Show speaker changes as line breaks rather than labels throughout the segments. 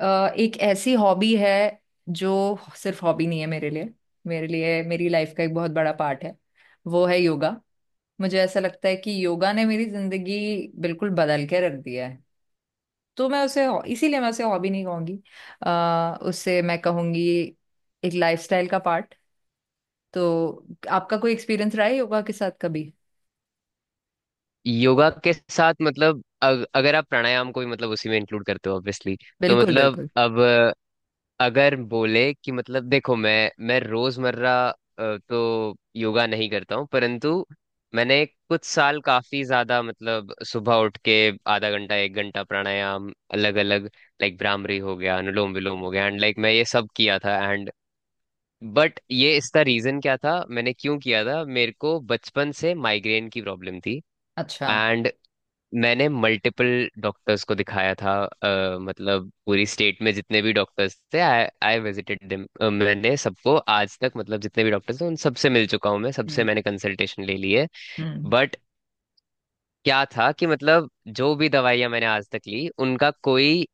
अ, एक ऐसी हॉबी है जो सिर्फ हॉबी नहीं है मेरे लिए। मेरे लिए मेरी लाइफ का एक बहुत बड़ा पार्ट है वो है योगा। मुझे ऐसा लगता है कि योगा ने मेरी जिंदगी बिल्कुल बदल के रख दिया है। तो मैं उसे इसीलिए मैं उसे हॉबी नहीं कहूंगी। उसे मैं कहूंगी एक लाइफस्टाइल का पार्ट। तो आपका कोई एक्सपीरियंस रहा है योगा के साथ कभी।
योगा के साथ मतलब अगर आप प्राणायाम को भी मतलब उसी में इंक्लूड करते हो ऑब्वियसली। तो
बिल्कुल
मतलब
बिल्कुल।
अब अगर बोले कि मतलब देखो मैं रोजमर्रा तो योगा नहीं करता हूँ परंतु मैंने कुछ साल काफी ज्यादा मतलब सुबह उठ के आधा घंटा एक घंटा प्राणायाम अलग अलग, लाइक भ्रामरी हो गया, अनुलोम विलोम हो गया एंड लाइक मैं ये सब किया था। एंड बट ये, इसका रीजन क्या था, मैंने क्यों किया था? मेरे को बचपन से माइग्रेन की प्रॉब्लम थी।
अच्छा।
एंड मैंने मल्टीपल डॉक्टर्स को दिखाया था। मतलब पूरी स्टेट में जितने भी डॉक्टर्स थे आई आई विजिटेड देम। मैंने सबको आज तक मतलब जितने भी डॉक्टर्स हैं उन सबसे मिल चुका हूँ, मैं सबसे
हम्म।
मैंने कंसल्टेशन ले ली है।
हम्म।
बट क्या था कि मतलब जो भी दवाइयाँ मैंने आज तक ली उनका कोई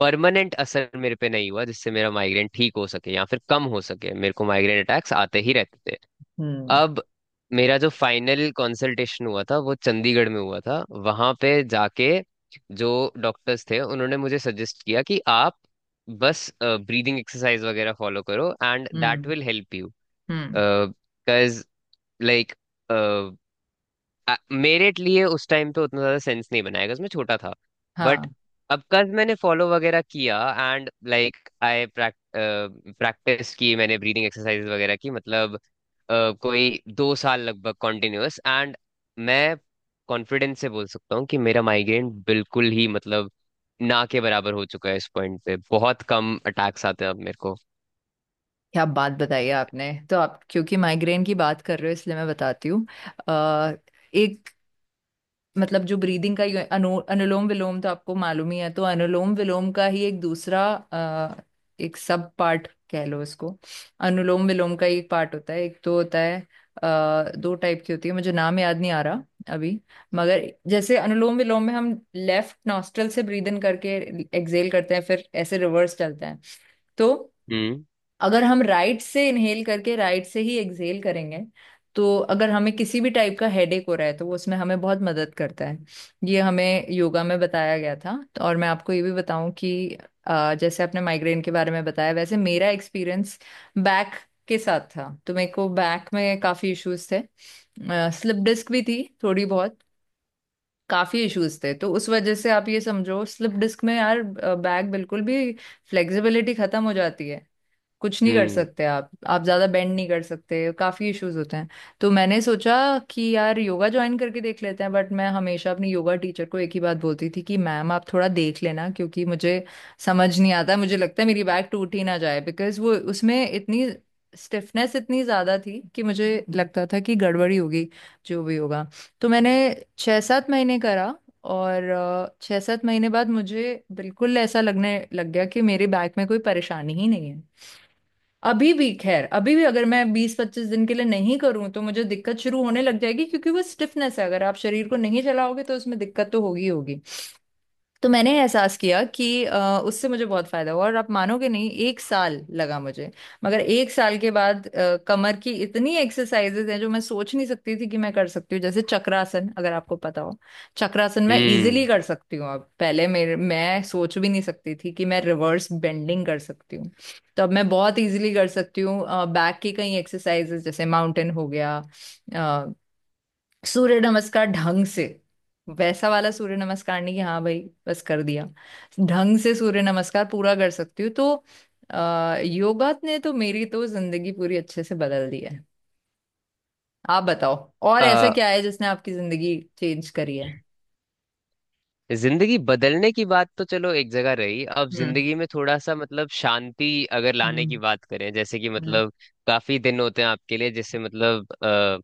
परमानेंट असर मेरे पे नहीं हुआ जिससे मेरा माइग्रेन ठीक हो सके या फिर कम हो सके। मेरे को माइग्रेन अटैक्स आते ही रहते थे।
हम्म।
अब मेरा जो फाइनल कंसल्टेशन हुआ था वो चंडीगढ़ में हुआ था। वहां पे जाके जो डॉक्टर्स थे उन्होंने मुझे सजेस्ट किया कि आप बस ब्रीदिंग एक्सरसाइज वगैरह फॉलो करो and that
hmm.
Will help you.
Hmm.
Because like मेरे लिए उस टाइम पे उतना ज्यादा सेंस नहीं बनाया बिकॉज मैं छोटा था। बट
हाँ।
अब कज मैंने फॉलो वगैरह किया एंड लाइक आई प्रैक्टिस की, मैंने ब्रीदिंग एक्सरसाइज वगैरह की मतलब कोई 2 साल लगभग कॉन्टिन्यूअस। एंड मैं कॉन्फिडेंस से बोल सकता हूँ कि मेरा माइग्रेन बिल्कुल ही मतलब ना के बराबर हो चुका है। इस पॉइंट पे बहुत कम अटैक्स आते हैं अब मेरे को।
क्या बात बताई आपने! तो आप क्योंकि माइग्रेन की बात कर रहे हो इसलिए मैं बताती हूँ। अ, एक मतलब जो ब्रीदिंग का अनुलोम विलोम तो आपको मालूम ही है, तो अनुलोम विलोम का ही एक दूसरा एक सब पार्ट कह लो इसको। अनुलोम विलोम का एक पार्ट होता है, एक तो होता है दो टाइप की होती है, मुझे नाम याद नहीं आ रहा अभी। मगर जैसे अनुलोम विलोम में हम लेफ्ट नॉस्ट्रल से ब्रीद इन करके एक्सेल करते हैं फिर ऐसे रिवर्स चलते हैं। तो
हम्म
अगर हम राइट से इनहेल करके राइट से ही एक्सहेल करेंगे तो अगर हमें किसी भी टाइप का हेडेक हो रहा है तो वो उसमें हमें बहुत मदद करता है। ये हमें योगा में बताया गया था। तो और मैं आपको ये भी बताऊं कि जैसे आपने माइग्रेन के बारे में बताया वैसे मेरा एक्सपीरियंस बैक के साथ था। तो मेरे को बैक में काफ़ी इश्यूज थे। स्लिप डिस्क भी थी थोड़ी बहुत, काफ़ी इश्यूज थे। तो उस वजह से आप ये समझो, स्लिप डिस्क में यार बैक बिल्कुल भी फ्लेक्सिबिलिटी ख़त्म हो जाती है। कुछ नहीं कर
हम्म
सकते आप ज्यादा बेंड नहीं कर सकते, काफी इश्यूज होते हैं। तो मैंने सोचा कि यार योगा ज्वाइन करके देख लेते हैं। बट मैं हमेशा अपनी योगा टीचर को एक ही बात बोलती थी कि मैम आप थोड़ा देख लेना, क्योंकि मुझे समझ नहीं आता, मुझे लगता है मेरी बैक टूट ही ना जाए, बिकॉज वो उसमें इतनी स्टिफनेस इतनी ज्यादा थी कि मुझे लगता था कि गड़बड़ी होगी, जो भी होगा। तो मैंने 6-7 महीने करा। और 6-7 महीने बाद मुझे बिल्कुल ऐसा लगने लग गया कि मेरे बैक में कोई परेशानी ही नहीं है। अभी भी अगर मैं 20-25 दिन के लिए नहीं करूं तो मुझे दिक्कत शुरू होने लग जाएगी, क्योंकि वो स्टिफनेस है, अगर आप शरीर को नहीं चलाओगे तो उसमें दिक्कत तो होगी ही होगी। तो मैंने एहसास किया कि उससे मुझे बहुत फायदा हुआ, और आप मानोगे नहीं एक साल लगा मुझे। मगर एक साल के बाद कमर की इतनी एक्सरसाइजेज हैं जो मैं सोच नहीं सकती थी कि मैं कर सकती हूँ। जैसे चक्रासन, अगर आपको पता हो, चक्रासन मैं
हम्म।
इजीली कर सकती हूँ अब। पहले मेरे मैं सोच भी नहीं सकती थी कि मैं रिवर्स बेंडिंग कर सकती हूँ। तो अब मैं बहुत इजीली कर सकती हूँ। बैक की कई एक्सरसाइजेज, जैसे माउंटेन हो गया, सूर्य नमस्कार ढंग से। वैसा वाला सूर्य नमस्कार नहीं कि हाँ भाई बस कर दिया, ढंग से सूर्य नमस्कार पूरा कर सकती हूँ। तो योगा ने तो मेरी तो जिंदगी पूरी अच्छे से बदल दी है। आप बताओ, और ऐसा क्या है जिसने आपकी जिंदगी चेंज करी है।
जिंदगी बदलने की बात तो चलो एक जगह रही, अब
हम्म।
जिंदगी में थोड़ा सा मतलब शांति अगर लाने
हम्म।
की बात करें, जैसे कि
हम्म।
मतलब काफी दिन होते हैं आपके लिए, जैसे मतलब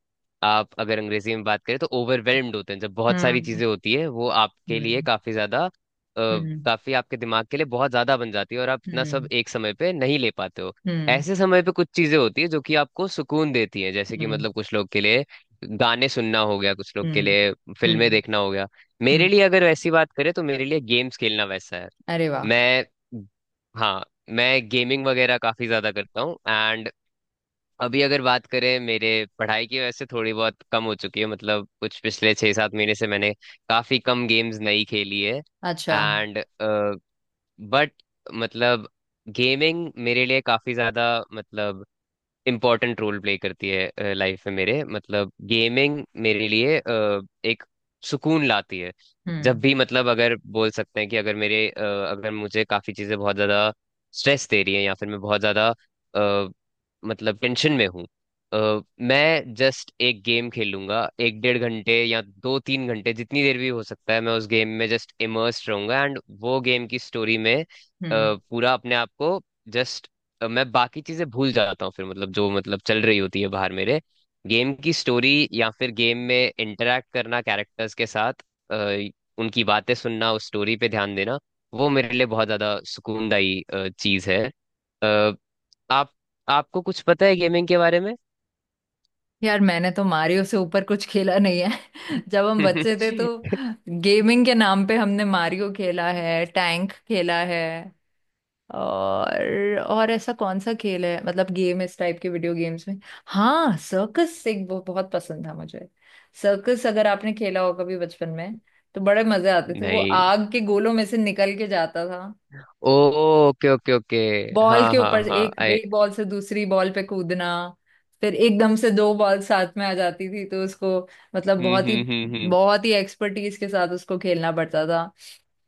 आप अगर अंग्रेजी में बात करें तो ओवरवेल्म्ड होते हैं, जब बहुत सारी
हम्म।
चीजें होती है वो आपके लिए काफी ज्यादा
हम्म।
काफी आपके दिमाग के लिए बहुत ज्यादा बन जाती है और आप इतना सब
हम्म।
एक समय पे नहीं ले पाते हो।
हम्म।
ऐसे समय पे कुछ चीजें होती है जो कि आपको सुकून देती है, जैसे
हम्म।
कि
हम्म।
मतलब कुछ लोग के लिए गाने सुनना हो गया, कुछ लोग के
हम्म।
लिए फिल्में
हम्म।
देखना हो गया। मेरे
हम्म।
लिए अगर वैसी बात करें तो मेरे लिए गेम्स खेलना वैसा है।
अरे वाह!
मैं हाँ, मैं गेमिंग वगैरह काफी ज्यादा करता हूँ। एंड अभी अगर बात करें मेरे पढ़ाई की वैसे थोड़ी बहुत कम हो चुकी है, मतलब कुछ पिछले 6-7 महीने से मैंने काफी कम गेम्स नहीं खेली है।
अच्छा।
एंड बट मतलब गेमिंग मेरे लिए काफी ज्यादा मतलब इम्पोर्टेंट रोल प्ले करती है लाइफ में मेरे, मतलब गेमिंग मेरे लिए एक सुकून लाती है। जब
हम्म।
भी मतलब अगर बोल सकते हैं कि अगर मेरे अ, अगर मुझे काफी चीजें बहुत ज्यादा स्ट्रेस दे रही हैं या फिर मैं बहुत ज्यादा अ, मतलब टेंशन में हूँ, मैं जस्ट एक गेम खेलूंगा एक डेढ़ घंटे या 2-3 घंटे जितनी देर भी हो सकता है। मैं उस गेम में जस्ट इमर्स्ड रहूंगा एंड वो गेम की स्टोरी में
हम्म।
पूरा अपने आप को जस्ट मैं बाकी चीजें भूल जाता हूँ। फिर मतलब जो मतलब चल रही होती है बाहर मेरे, गेम की स्टोरी या फिर गेम में इंटरेक्ट करना कैरेक्टर्स के साथ अ, उनकी बातें सुनना, उस स्टोरी पे ध्यान देना, वो मेरे लिए बहुत ज्यादा सुकूनदायी चीज है। अ, आप आपको कुछ पता है गेमिंग के बारे में?
यार मैंने तो मारियो से ऊपर कुछ खेला नहीं। जब हम बच्चे थे तो गेमिंग के नाम पे हमने मारियो खेला है, टैंक खेला है। और ऐसा कौन सा खेल है, मतलब गेम, इस टाइप के वीडियो गेम्स में। हाँ सर्कस, एक वो बहुत पसंद था मुझे। सर्कस अगर आपने खेला हो कभी बचपन में, तो बड़े मजे आते थे, वो
नहीं।
आग के गोलों में से निकल के जाता था।
ओ, ओके ओके ओके।
बॉल
हाँ
के
हाँ
ऊपर से-
हाँ,
एक
आई
एक बॉल से दूसरी बॉल पे कूदना, फिर एकदम से दो बॉल साथ में आ जाती थी तो उसको मतलब
हम्म हम्म हम्म
बहुत ही एक्सपर्टीज के साथ उसको खेलना पड़ता था।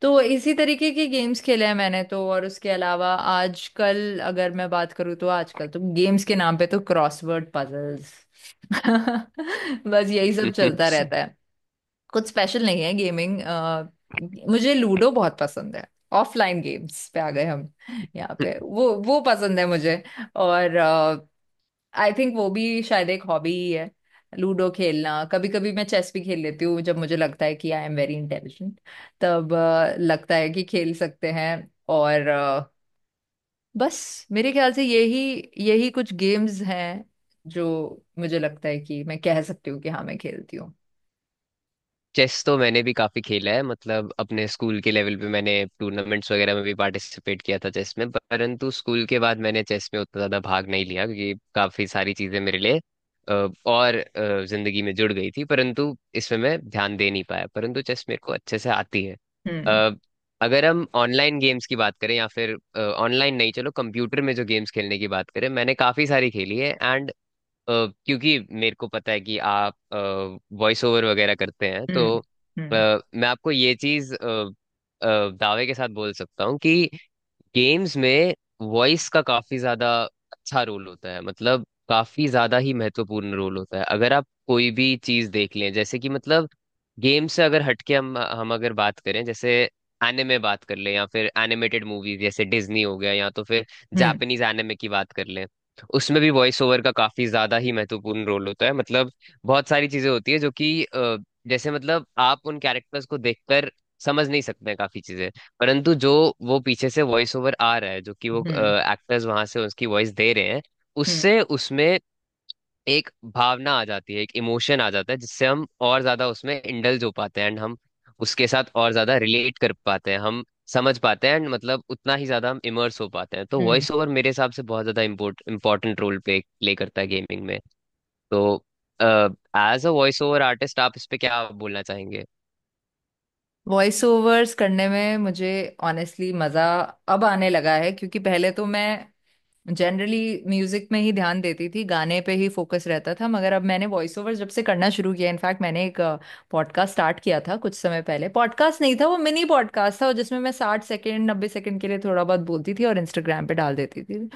तो इसी तरीके के गेम्स खेले हैं मैंने तो, और उसके अलावा आजकल अगर मैं बात करूँ तो आजकल तो गेम्स के नाम पे तो क्रॉसवर्ड पजल्स बस यही सब
हम्म।
चलता रहता है। कुछ स्पेशल नहीं है गेमिंग। मुझे लूडो बहुत पसंद है। ऑफलाइन गेम्स पे आ गए हम, यहाँ पे वो पसंद है मुझे। और आई थिंक वो भी शायद एक हॉबी ही है, लूडो खेलना। कभी कभी मैं चेस भी खेल लेती हूँ, जब मुझे लगता है कि आई एम वेरी इंटेलिजेंट, तब लगता है कि खेल सकते हैं। और बस मेरे ख्याल से यही, कुछ गेम्स हैं जो मुझे लगता है कि मैं कह सकती हूँ कि हाँ मैं खेलती हूँ।
चेस तो मैंने भी काफी खेला है, मतलब अपने स्कूल के लेवल पे मैंने टूर्नामेंट्स वगैरह में भी पार्टिसिपेट किया था चेस में। परंतु स्कूल के बाद मैंने चेस में उतना ज्यादा भाग नहीं लिया क्योंकि काफी सारी चीजें मेरे लिए और जिंदगी में जुड़ गई थी परंतु इसमें मैं ध्यान दे नहीं पाया। परंतु चेस मेरे को अच्छे से आती है।
हम्म।
अ, अगर हम ऑनलाइन गेम्स की बात करें या फिर ऑनलाइन नहीं, चलो कंप्यूटर में जो गेम्स खेलने की बात करें मैंने काफी सारी खेली है। एंड अ, क्योंकि मेरे को पता है कि आप वॉइस ओवर वगैरह करते हैं, तो
हम्म। हम्म।
अ, मैं आपको ये चीज दावे के साथ बोल सकता हूँ कि गेम्स में वॉइस का काफी ज्यादा अच्छा रोल होता है। मतलब काफी ज्यादा ही महत्वपूर्ण रोल होता है। अगर आप कोई भी चीज देख लें, जैसे कि मतलब गेम से अगर हटके हम अगर बात करें, जैसे एनिमे बात कर लें या फिर एनिमेटेड मूवीज जैसे डिज्नी हो गया या तो फिर
हम्म।
जापानीज एनिमे की बात कर लें, उसमें भी वॉइस ओवर का काफी ज्यादा ही महत्वपूर्ण रोल होता है। मतलब बहुत सारी चीजें होती है जो कि जैसे मतलब आप उन कैरेक्टर्स को देखकर समझ नहीं सकते हैं काफी चीजें, परंतु जो वो पीछे से वॉइस ओवर आ रहा है जो कि वो
हम्म।
एक्टर्स वहां से उसकी वॉइस दे रहे हैं,
हम्म।
उससे उसमें एक भावना आ जाती है, एक इमोशन आ जाता है जिससे हम और ज्यादा उसमें इंडल्ज हो पाते हैं एंड हम उसके साथ और ज्यादा रिलेट कर पाते हैं, हम समझ पाते हैं एंड मतलब उतना ही ज्यादा हम इमर्स हो पाते हैं। तो
हम्म।
वॉइस ओवर मेरे हिसाब से बहुत ज्यादा इम्पोर्टेंट रोल प्ले प्ले करता है गेमिंग में। तो as uh voice over artist आप इस पे क्या बोलना चाहेंगे?
वॉइस ओवर्स करने में मुझे ऑनेस्टली मजा अब आने लगा है, क्योंकि पहले तो मैं जनरली म्यूजिक में ही ध्यान देती थी, गाने पे ही फोकस रहता था। मगर अब मैंने वॉइस ओवर जब से करना शुरू किया, इनफैक्ट मैंने एक पॉडकास्ट स्टार्ट किया था कुछ समय पहले। पॉडकास्ट नहीं था, वो मिनी पॉडकास्ट था, और जिसमें मैं 60 सेकेंड 90 सेकेंड के लिए थोड़ा बहुत बोलती थी और इंस्टाग्राम पे डाल देती थी।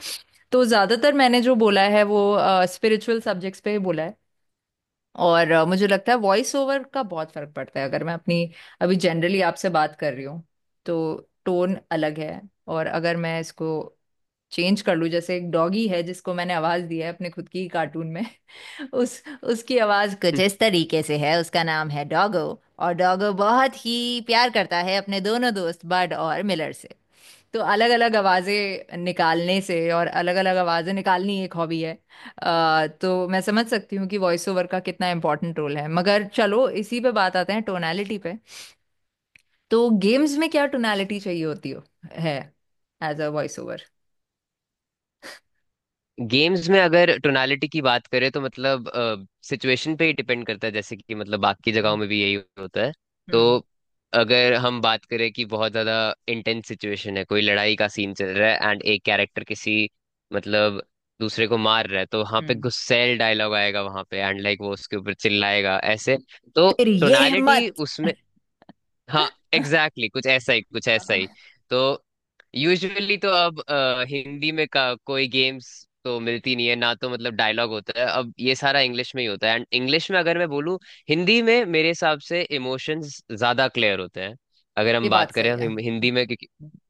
तो ज्यादातर मैंने जो बोला है वो स्पिरिचुअल सब्जेक्ट्स पे ही बोला है। और मुझे लगता है वॉइस ओवर का बहुत फर्क पड़ता है। अगर मैं अपनी अभी जनरली आपसे बात कर रही हूँ तो टोन अलग है, और अगर मैं इसको चेंज कर लूं। जैसे एक डॉगी है जिसको मैंने आवाज दी है अपने खुद की कार्टून में। उस उसकी आवाज कुछ इस तरीके से है, उसका नाम है डॉगो, और डॉगो बहुत ही प्यार करता है अपने दोनों दोस्त बड और मिलर से। तो अलग अलग आवाज़ें निकालने से, और अलग अलग आवाज़ें निकालनी एक हॉबी है। तो मैं समझ सकती हूँ कि वॉइस ओवर का कितना इम्पोर्टेंट रोल है। मगर चलो इसी पे बात आते हैं, टोनालिटी पे। तो गेम्स में क्या टोनालिटी चाहिए होती हो है, as uh voice over.
Games में अगर टोनालिटी की बात करें तो मतलब सिचुएशन पे ही डिपेंड करता है, जैसे कि मतलब बाकी जगहों में भी यही होता है। तो
हम्म।
अगर हम बात करें कि बहुत ज्यादा इंटेंस सिचुएशन है, कोई लड़ाई का सीन चल रहा है एंड एक कैरेक्टर किसी मतलब दूसरे को मार रहा है, तो वहां पे
हम्म।
गुस्सैल डायलॉग आएगा वहां पे एंड लाइक वो उसके ऊपर चिल्लाएगा ऐसे। तो
फिर ये
टोनालिटी
हिम्मत।
उसमें, हाँ, एग्जैक्टली exactly, कुछ ऐसा ही कुछ ऐसा ही।
हाँ।
तो यूजुअली तो अब हिंदी में का कोई गेम्स तो मिलती नहीं है ना, तो मतलब डायलॉग होता है अब ये सारा इंग्लिश में ही होता है। एंड इंग्लिश में अगर मैं बोलूँ, हिंदी में मेरे हिसाब से इमोशंस ज्यादा क्लियर होते हैं अगर
ये
हम बात
बात
करें
सही है।
हम हिंदी में क्योंकि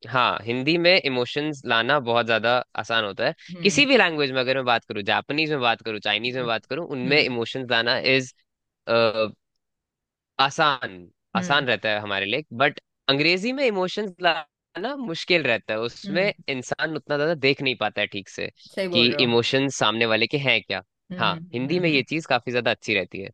हाँ, हिंदी में इमोशंस लाना बहुत ज्यादा आसान होता है।
हम्म।
किसी भी लैंग्वेज में अगर मैं बात करूँ जापानीज में बात करूँ चाइनीज में
हम्म।
बात करूँ उनमें
हम्म।
इमोशंस लाना इज आसान,
हम्म।
आसान रहता है हमारे लिए। बट अंग्रेजी में इमोशंस लाना मुश्किल रहता है
हम्म,
उसमें इंसान उतना ज्यादा देख नहीं पाता है ठीक से
सही बोल
कि
रहे हो।
इमोशंस सामने वाले के हैं क्या।
हम्म।
हाँ
हम्म। हम्म।
हिंदी में
हम्म। हम्म।
ये चीज काफी ज्यादा अच्छी रहती है।